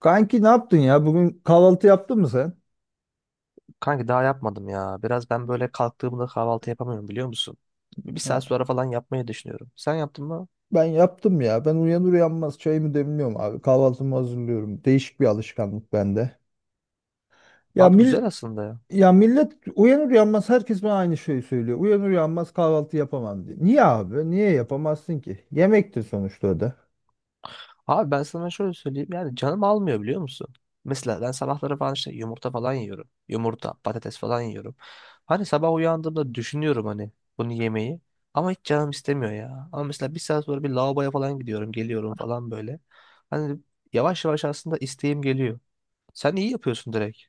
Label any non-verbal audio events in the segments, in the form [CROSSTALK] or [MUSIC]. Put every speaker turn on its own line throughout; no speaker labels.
Kanki ne yaptın ya? Bugün kahvaltı yaptın mı sen?
Kanki daha yapmadım ya. Biraz ben böyle kalktığımda kahvaltı yapamıyorum biliyor musun? Bir
Ha,
saat sonra falan yapmayı düşünüyorum. Sen yaptın mı?
ben yaptım ya. Ben uyanır uyanmaz çayımı demliyorum abi. Kahvaltımı hazırlıyorum. Değişik bir alışkanlık bende. Ya
Abi
mil
güzel aslında ya.
Ya millet uyanır uyanmaz herkes bana aynı şeyi söylüyor. Uyanır uyanmaz kahvaltı yapamam diye. Niye abi? Niye yapamazsın ki? Yemektir sonuçta o da.
Abi ben sana şöyle söyleyeyim yani canım almıyor biliyor musun? Mesela ben sabahları falan işte yumurta falan yiyorum. Yumurta, patates falan yiyorum. Hani sabah uyandığımda düşünüyorum hani bunu yemeyi. Ama hiç canım istemiyor ya. Ama mesela bir saat sonra bir lavaboya falan gidiyorum, geliyorum falan böyle. Hani yavaş yavaş aslında isteğim geliyor. Sen iyi yapıyorsun direkt.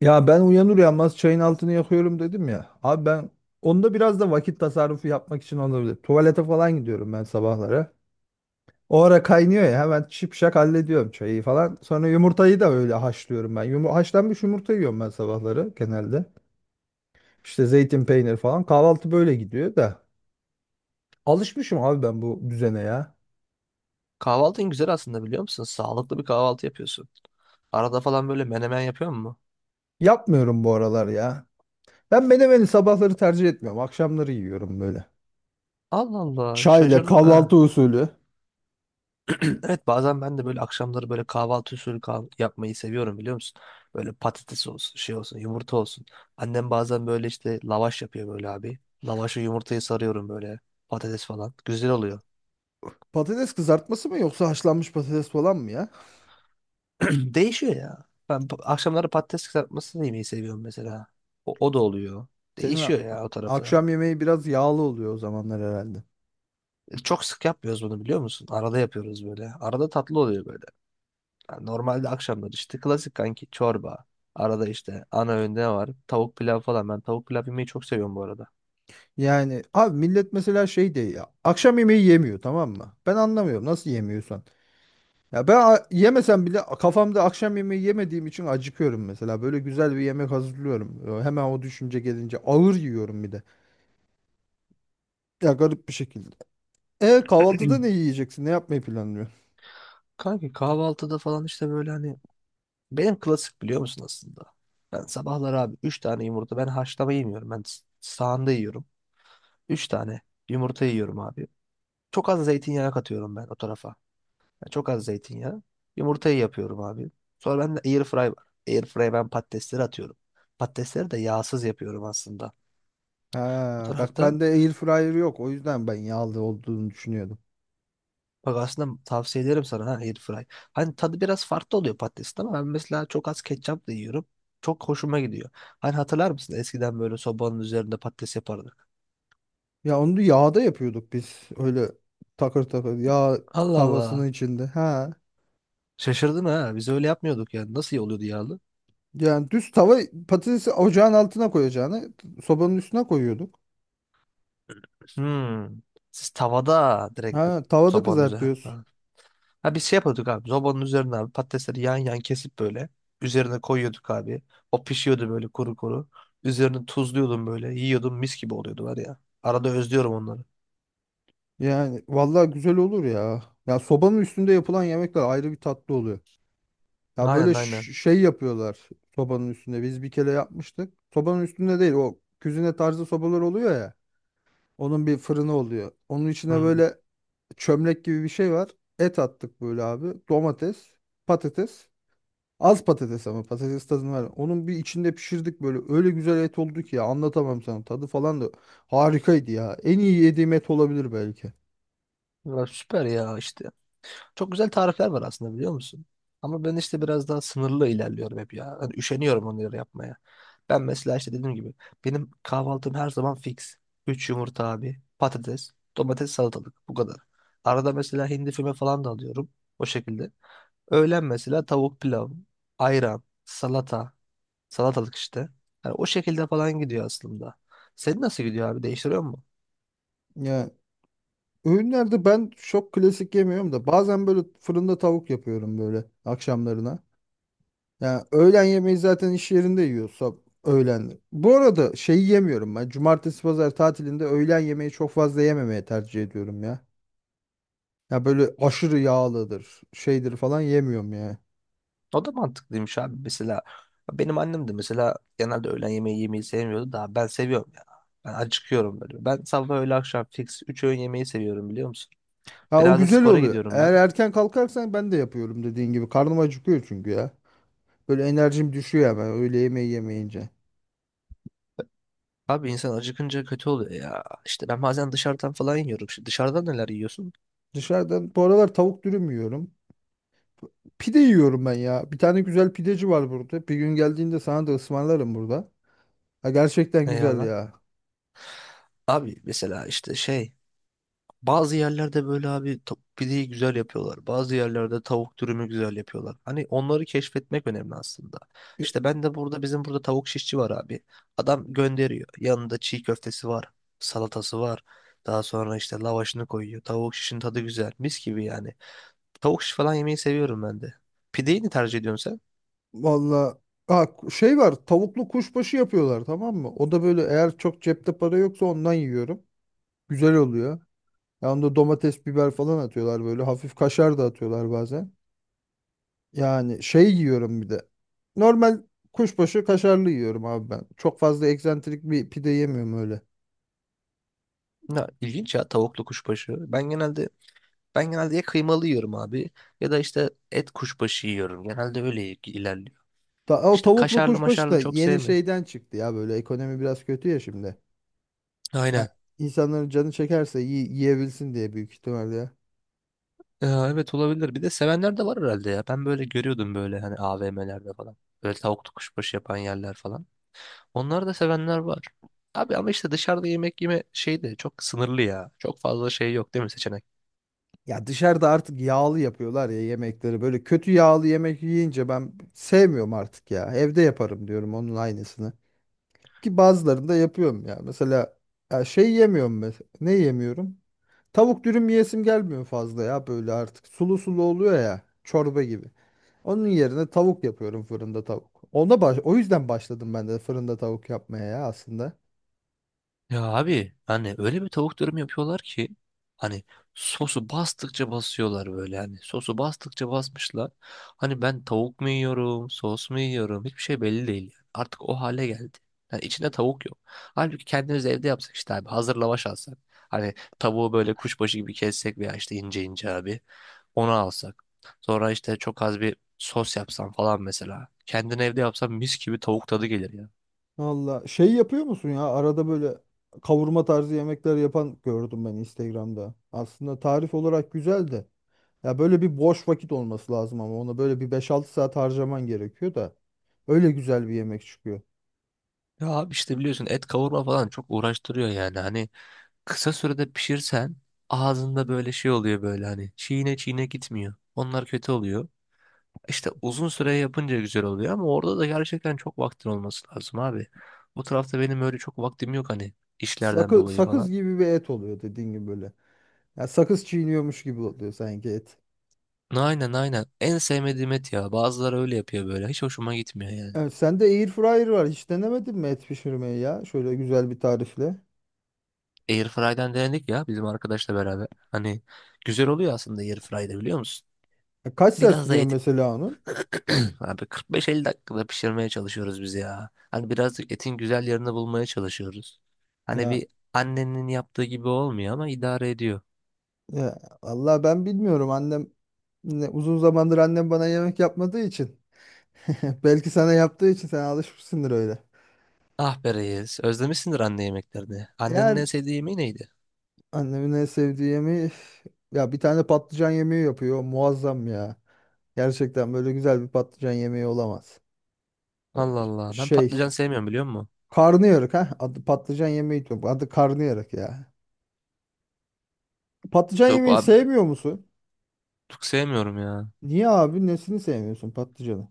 Ya ben uyanır uyanmaz çayın altını yakıyorum dedim ya. Abi ben onda biraz da vakit tasarrufu yapmak için olabilir. Tuvalete falan gidiyorum ben sabahlara. O ara kaynıyor ya, hemen şipşak hallediyorum çayı falan. Sonra yumurtayı da öyle haşlıyorum ben. Haşlanmış yumurta yiyorum ben sabahları genelde. İşte zeytin, peynir falan. Kahvaltı böyle gidiyor da. Alışmışım abi ben bu düzene ya.
Kahvaltın güzel aslında biliyor musun? Sağlıklı bir kahvaltı yapıyorsun. Arada falan böyle menemen yapıyor mu?
Yapmıyorum bu aralar ya. Ben menemeni sabahları tercih etmiyorum. Akşamları yiyorum böyle.
Allah Allah,
Çayla
şaşırdım ha.
kahvaltı usulü.
[CLEARS THROAT] Evet, bazen ben de böyle akşamları böyle kahvaltı usulü yapmayı seviyorum biliyor musun? Böyle patates olsun, şey olsun, yumurta olsun. Annem bazen böyle işte lavaş yapıyor böyle abi. Lavaşı yumurtayı sarıyorum böyle, patates falan. Güzel oluyor.
Patates kızartması mı yoksa haşlanmış patates falan mı ya?
[CLEARS THROAT] Değişiyor ya. Ben akşamları patates kızartmasını yemeyi seviyorum mesela. O da oluyor.
Senin a-
Değişiyor ya o tarafta.
Akşam yemeği biraz yağlı oluyor o zamanlar herhalde.
Çok sık yapmıyoruz bunu biliyor musun? Arada yapıyoruz böyle. Arada tatlı oluyor böyle. Yani normalde akşamlar işte klasik kanki çorba. Arada işte ana öğünde ne var? Tavuk pilav falan. Ben tavuk pilav yemeyi çok seviyorum bu arada.
Yani abi millet mesela şey de ya, akşam yemeği yemiyor, tamam mı? Ben anlamıyorum nasıl yemiyorsan. Yemesem bile kafamda akşam yemeği yemediğim için acıkıyorum mesela. Böyle güzel bir yemek hazırlıyorum. Hemen o düşünce gelince ağır yiyorum bir de. Ya garip bir şekilde. E kahvaltıda ne
[CLEARS THROAT]
yiyeceksin? Ne yapmayı planlıyorsun?
Kanki kahvaltıda falan işte böyle hani benim klasik biliyor musun aslında? Ben sabahları abi 3 tane yumurta, ben haşlama yemiyorum. Ben sahanda yiyorum. 3 tane yumurta yiyorum abi. Çok az zeytinyağı katıyorum ben o tarafa. Yani çok az zeytinyağı. Yumurtayı yapıyorum abi. Sonra ben air fry var. Airfry'e ben patatesleri atıyorum. Patatesleri de yağsız yapıyorum aslında. O
Ha, bak
tarafta
bende air fryer yok. O yüzden ben yağlı olduğunu düşünüyordum.
bak, aslında tavsiye ederim sana ha, air fry. Hani tadı biraz farklı oluyor patatesin ama ben mesela çok az ketçapla yiyorum. Çok hoşuma gidiyor. Hani hatırlar mısın, eskiden böyle sobanın üzerinde patates yapardık.
Ya onu da yağda yapıyorduk biz. Öyle takır takır yağ
Allah
tavasının
Allah.
içinde. Ha.
Şaşırdım ha. Biz öyle yapmıyorduk yani. Nasıl iyi oluyordu yağlı?
Yani düz tava patatesi ocağın altına koyacağını sobanın üstüne koyuyorduk.
Hmm. Siz tavada direkt
Ha, tavada
sobanın üzerine.
kızartıyoruz.
Ha, biz şey yapıyorduk abi. Zobanın üzerine abi patatesleri yan yan kesip böyle. Üzerine koyuyorduk abi. O pişiyordu böyle kuru kuru. Üzerine tuzluyordum böyle. Yiyordum, mis gibi oluyordu var ya. Arada özlüyorum onları.
Yani vallahi güzel olur ya. Ya sobanın üstünde yapılan yemekler ayrı bir tatlı oluyor. Ya böyle
Aynen, aynen.
şey yapıyorlar sobanın üstünde. Biz bir kere yapmıştık. Sobanın üstünde değil, o küzine tarzı sobalar oluyor ya. Onun bir fırını oluyor. Onun içine
Hmm.
böyle çömlek gibi bir şey var. Et attık böyle abi. Domates, patates. Az patates ama patates tadını var. Onun bir içinde pişirdik böyle. Öyle güzel et oldu ki ya, anlatamam sana. Tadı falan da harikaydı ya. En iyi yediğim et olabilir belki.
Ya süper ya işte. Çok güzel tarifler var aslında biliyor musun? Ama ben işte biraz daha sınırlı ilerliyorum hep ya. Hani üşeniyorum onları yapmaya. Ben mesela işte dediğim gibi benim kahvaltım her zaman fix. Üç yumurta abi, patates, domates, salatalık, bu kadar. Arada mesela hindi füme falan da alıyorum o şekilde. Öğlen mesela tavuk pilav, ayran, salata, salatalık işte. Yani o şekilde falan gidiyor aslında. Senin nasıl gidiyor abi? Değiştiriyor mu?
Ya öğünlerde ben çok klasik yemiyorum da, bazen böyle fırında tavuk yapıyorum böyle akşamlarına. Ya öğlen yemeği zaten iş yerinde yiyorsam öğlen. Bu arada şeyi yemiyorum ben. Cumartesi pazar tatilinde öğlen yemeği çok fazla yememeye tercih ediyorum ya. Ya böyle aşırı yağlıdır, şeydir falan yemiyorum ya.
O da mantıklıymış abi. Mesela benim annem de mesela genelde öğlen yemeği yemeyi sevmiyordu da ben seviyorum ya. Ben acıkıyorum böyle. Ben sabah öğle akşam fix 3 öğün yemeği seviyorum biliyor musun?
Ha, o
Biraz da
güzel
spora
oluyor.
gidiyorum
Eğer
ben.
erken kalkarsan ben de yapıyorum dediğin gibi. Karnım acıkıyor çünkü ya. Böyle enerjim düşüyor hemen öğle yemeği yemeyince.
Abi, insan acıkınca kötü oluyor ya. İşte ben bazen dışarıdan falan yiyorum. Şimdi dışarıdan neler yiyorsun?
Dışarıdan bu aralar tavuk dürüm yiyorum. Pide yiyorum ben ya. Bir tane güzel pideci var burada. Bir gün geldiğinde sana da ısmarlarım burada. Ha, gerçekten güzel
Eyvallah.
ya.
Abi mesela işte şey, bazı yerlerde böyle abi pideyi güzel yapıyorlar. Bazı yerlerde tavuk dürümü güzel yapıyorlar. Hani onları keşfetmek önemli aslında.
Ya,
İşte ben de burada, bizim burada tavuk şişçi var abi. Adam gönderiyor. Yanında çiğ köftesi var. Salatası var. Daha sonra işte lavaşını koyuyor. Tavuk şişin tadı güzel. Mis gibi yani. Tavuk şiş falan yemeyi seviyorum ben de. Pideyi ne tercih ediyorsun
valla ha, şey var, tavuklu kuşbaşı yapıyorlar, tamam mı? O da böyle, eğer çok cepte para yoksa ondan yiyorum. Güzel oluyor. Ya onda domates, biber falan atıyorlar böyle. Hafif kaşar da atıyorlar bazen. Yani şey yiyorum bir de. Normal kuşbaşı kaşarlı yiyorum abi ben. Çok fazla eksantrik bir pide yemiyorum öyle.
sen? Ya, ilginç ya tavuklu kuşbaşı. Ben genelde ya kıymalı yiyorum abi, ya da işte et kuşbaşı yiyorum. Genelde öyle ilerliyor.
O
İşte
tavuklu
kaşarlı
kuşbaşı
maşarlı
da
çok
yeni
sevmiyorum.
şeyden çıktı ya, böyle ekonomi biraz kötü ya şimdi. Ya
Aynen.
insanların canı çekerse yiyebilsin diye büyük ihtimalle ya.
Ya evet, olabilir. Bir de sevenler de var herhalde ya. Ben böyle görüyordum böyle hani AVM'lerde falan. Böyle tavuklu kuşbaşı yapan yerler falan. Onları da sevenler var. Abi ama işte dışarıda yemek yeme şey de çok sınırlı ya. Çok fazla şey yok değil mi, seçenek?
Ya dışarıda artık yağlı yapıyorlar ya yemekleri. Böyle kötü yağlı yemek yiyince ben sevmiyorum artık ya. Evde yaparım diyorum onun aynısını. Ki bazılarını da yapıyorum ya. Mesela ya şey yemiyorum mesela. Ne yemiyorum? Tavuk dürüm yiyesim gelmiyor fazla ya böyle artık. Sulu sulu oluyor ya, çorba gibi. Onun yerine tavuk yapıyorum, fırında tavuk. Ona baş O yüzden başladım ben de fırında tavuk yapmaya ya aslında.
Ya abi, hani öyle bir tavuk dürüm yapıyorlar ki hani sosu bastıkça basıyorlar böyle, hani sosu bastıkça basmışlar. Hani ben tavuk mu yiyorum, sos mu yiyorum, hiçbir şey belli değil yani. Artık o hale geldi. Yani içinde tavuk yok. Halbuki kendimiz evde yapsak işte abi, hazır lavaş alsak. Hani tavuğu böyle kuşbaşı gibi kessek veya işte ince ince abi onu alsak. Sonra işte çok az bir sos yapsan falan mesela. Kendin evde yapsan mis gibi tavuk tadı gelir ya.
Valla şey yapıyor musun ya, arada böyle kavurma tarzı yemekler yapan gördüm ben Instagram'da. Aslında tarif olarak güzel de. Ya böyle bir boş vakit olması lazım, ama ona böyle bir beş altı saat harcaman gerekiyor da. Öyle güzel bir yemek çıkıyor.
Ya abi, işte biliyorsun et kavurma falan çok uğraştırıyor yani hani kısa sürede pişirsen ağzında böyle şey oluyor böyle hani çiğne çiğne gitmiyor. Onlar kötü oluyor. İşte uzun süre yapınca güzel oluyor ama orada da gerçekten çok vaktin olması lazım abi. Bu tarafta benim öyle çok vaktim yok hani işlerden dolayı falan.
Sakız gibi bir et oluyor dediğin gibi böyle. Ya sakız çiğniyormuş gibi oluyor sanki et.
Aynen, aynen en sevmediğim et ya, bazıları öyle yapıyor böyle hiç hoşuma gitmiyor yani.
Evet, sende air fryer var. Hiç denemedin mi et pişirmeyi ya? Şöyle güzel bir tarifle.
Airfryer'den denedik ya bizim arkadaşla beraber, hani güzel oluyor aslında Airfryer'de biliyor musun?
Ya kaç saat
Biraz da
sürüyor
et,
mesela onun?
[CLEARS THROAT] abi 45-50 dakikada pişirmeye çalışıyoruz biz ya. Hani birazcık etin güzel yerini bulmaya çalışıyoruz. Hani
Ya,
bir annenin yaptığı gibi olmuyor ama idare ediyor.
ya vallahi ben bilmiyorum. Annem ne, uzun zamandır annem bana yemek yapmadığı için. [LAUGHS] Belki sana yaptığı için sen alışmışsındır öyle.
Ah be reis, özlemişsindir anne yemeklerini. Annenin
Yani
en sevdiği yemeği neydi?
annemin en sevdiği yemeği üf, ya bir tane patlıcan yemeği yapıyor. Muazzam ya. Gerçekten böyle güzel bir patlıcan yemeği olamaz.
Allah Allah, ben
Şey
patlıcan sevmiyorum biliyor musun?
Karnıyarık ha. Adı patlıcan yemeği diyor. Adı karnıyarık ya. Patlıcan
Yok
yemeği
abi,
sevmiyor musun?
çok sevmiyorum ya.
Niye abi? Nesini sevmiyorsun patlıcanı?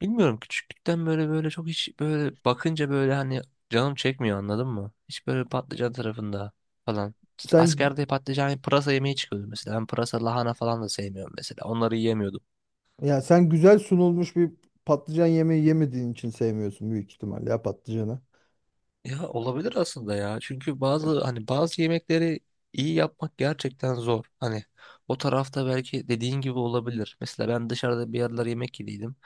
Bilmiyorum, küçüklükten böyle böyle çok hiç böyle bakınca böyle hani canım çekmiyor, anladın mı? Hiç böyle patlıcan tarafında falan. İşte
Sen
askerde patlıcan hani pırasa yemeği çıkıyordu mesela. Ben pırasa lahana falan da sevmiyorum mesela. Onları yiyemiyordum.
sen güzel sunulmuş bir patlıcan yemeği yemediğin için sevmiyorsun büyük ihtimalle ya patlıcanı.
Ya olabilir aslında ya. Çünkü bazı, hani bazı yemekleri iyi yapmak gerçekten zor. Hani o tarafta belki dediğin gibi olabilir. Mesela ben dışarıda bir yerler yemek yediydim.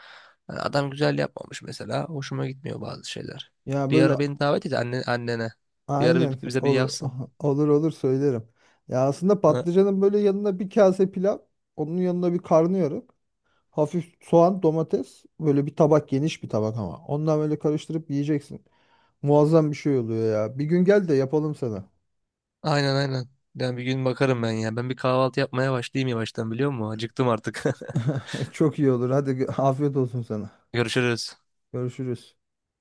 Hani adam güzel yapmamış mesela. Hoşuma gitmiyor bazı şeyler.
Ya
Bir
böyle
ara beni davet et anne, annene. Bir ara
aynen
bize bir
olur.
yapsın.
[LAUGHS] Olur, olur, söylerim. Ya aslında
Ha,
patlıcanın böyle yanına bir kase pilav, onun yanına bir karnıyarık, hafif soğan, domates, böyle bir tabak, geniş bir tabak ama. Ondan böyle karıştırıp yiyeceksin. Muazzam bir şey oluyor ya. Bir gün gel de yapalım sana.
aynen aynen. Yani bir gün bakarım ben ya. Ben bir kahvaltı yapmaya başlayayım yavaştan biliyor musun? Acıktım artık.
[LAUGHS] Çok iyi olur. Hadi afiyet olsun sana.
[LAUGHS] Görüşürüz.
Görüşürüz.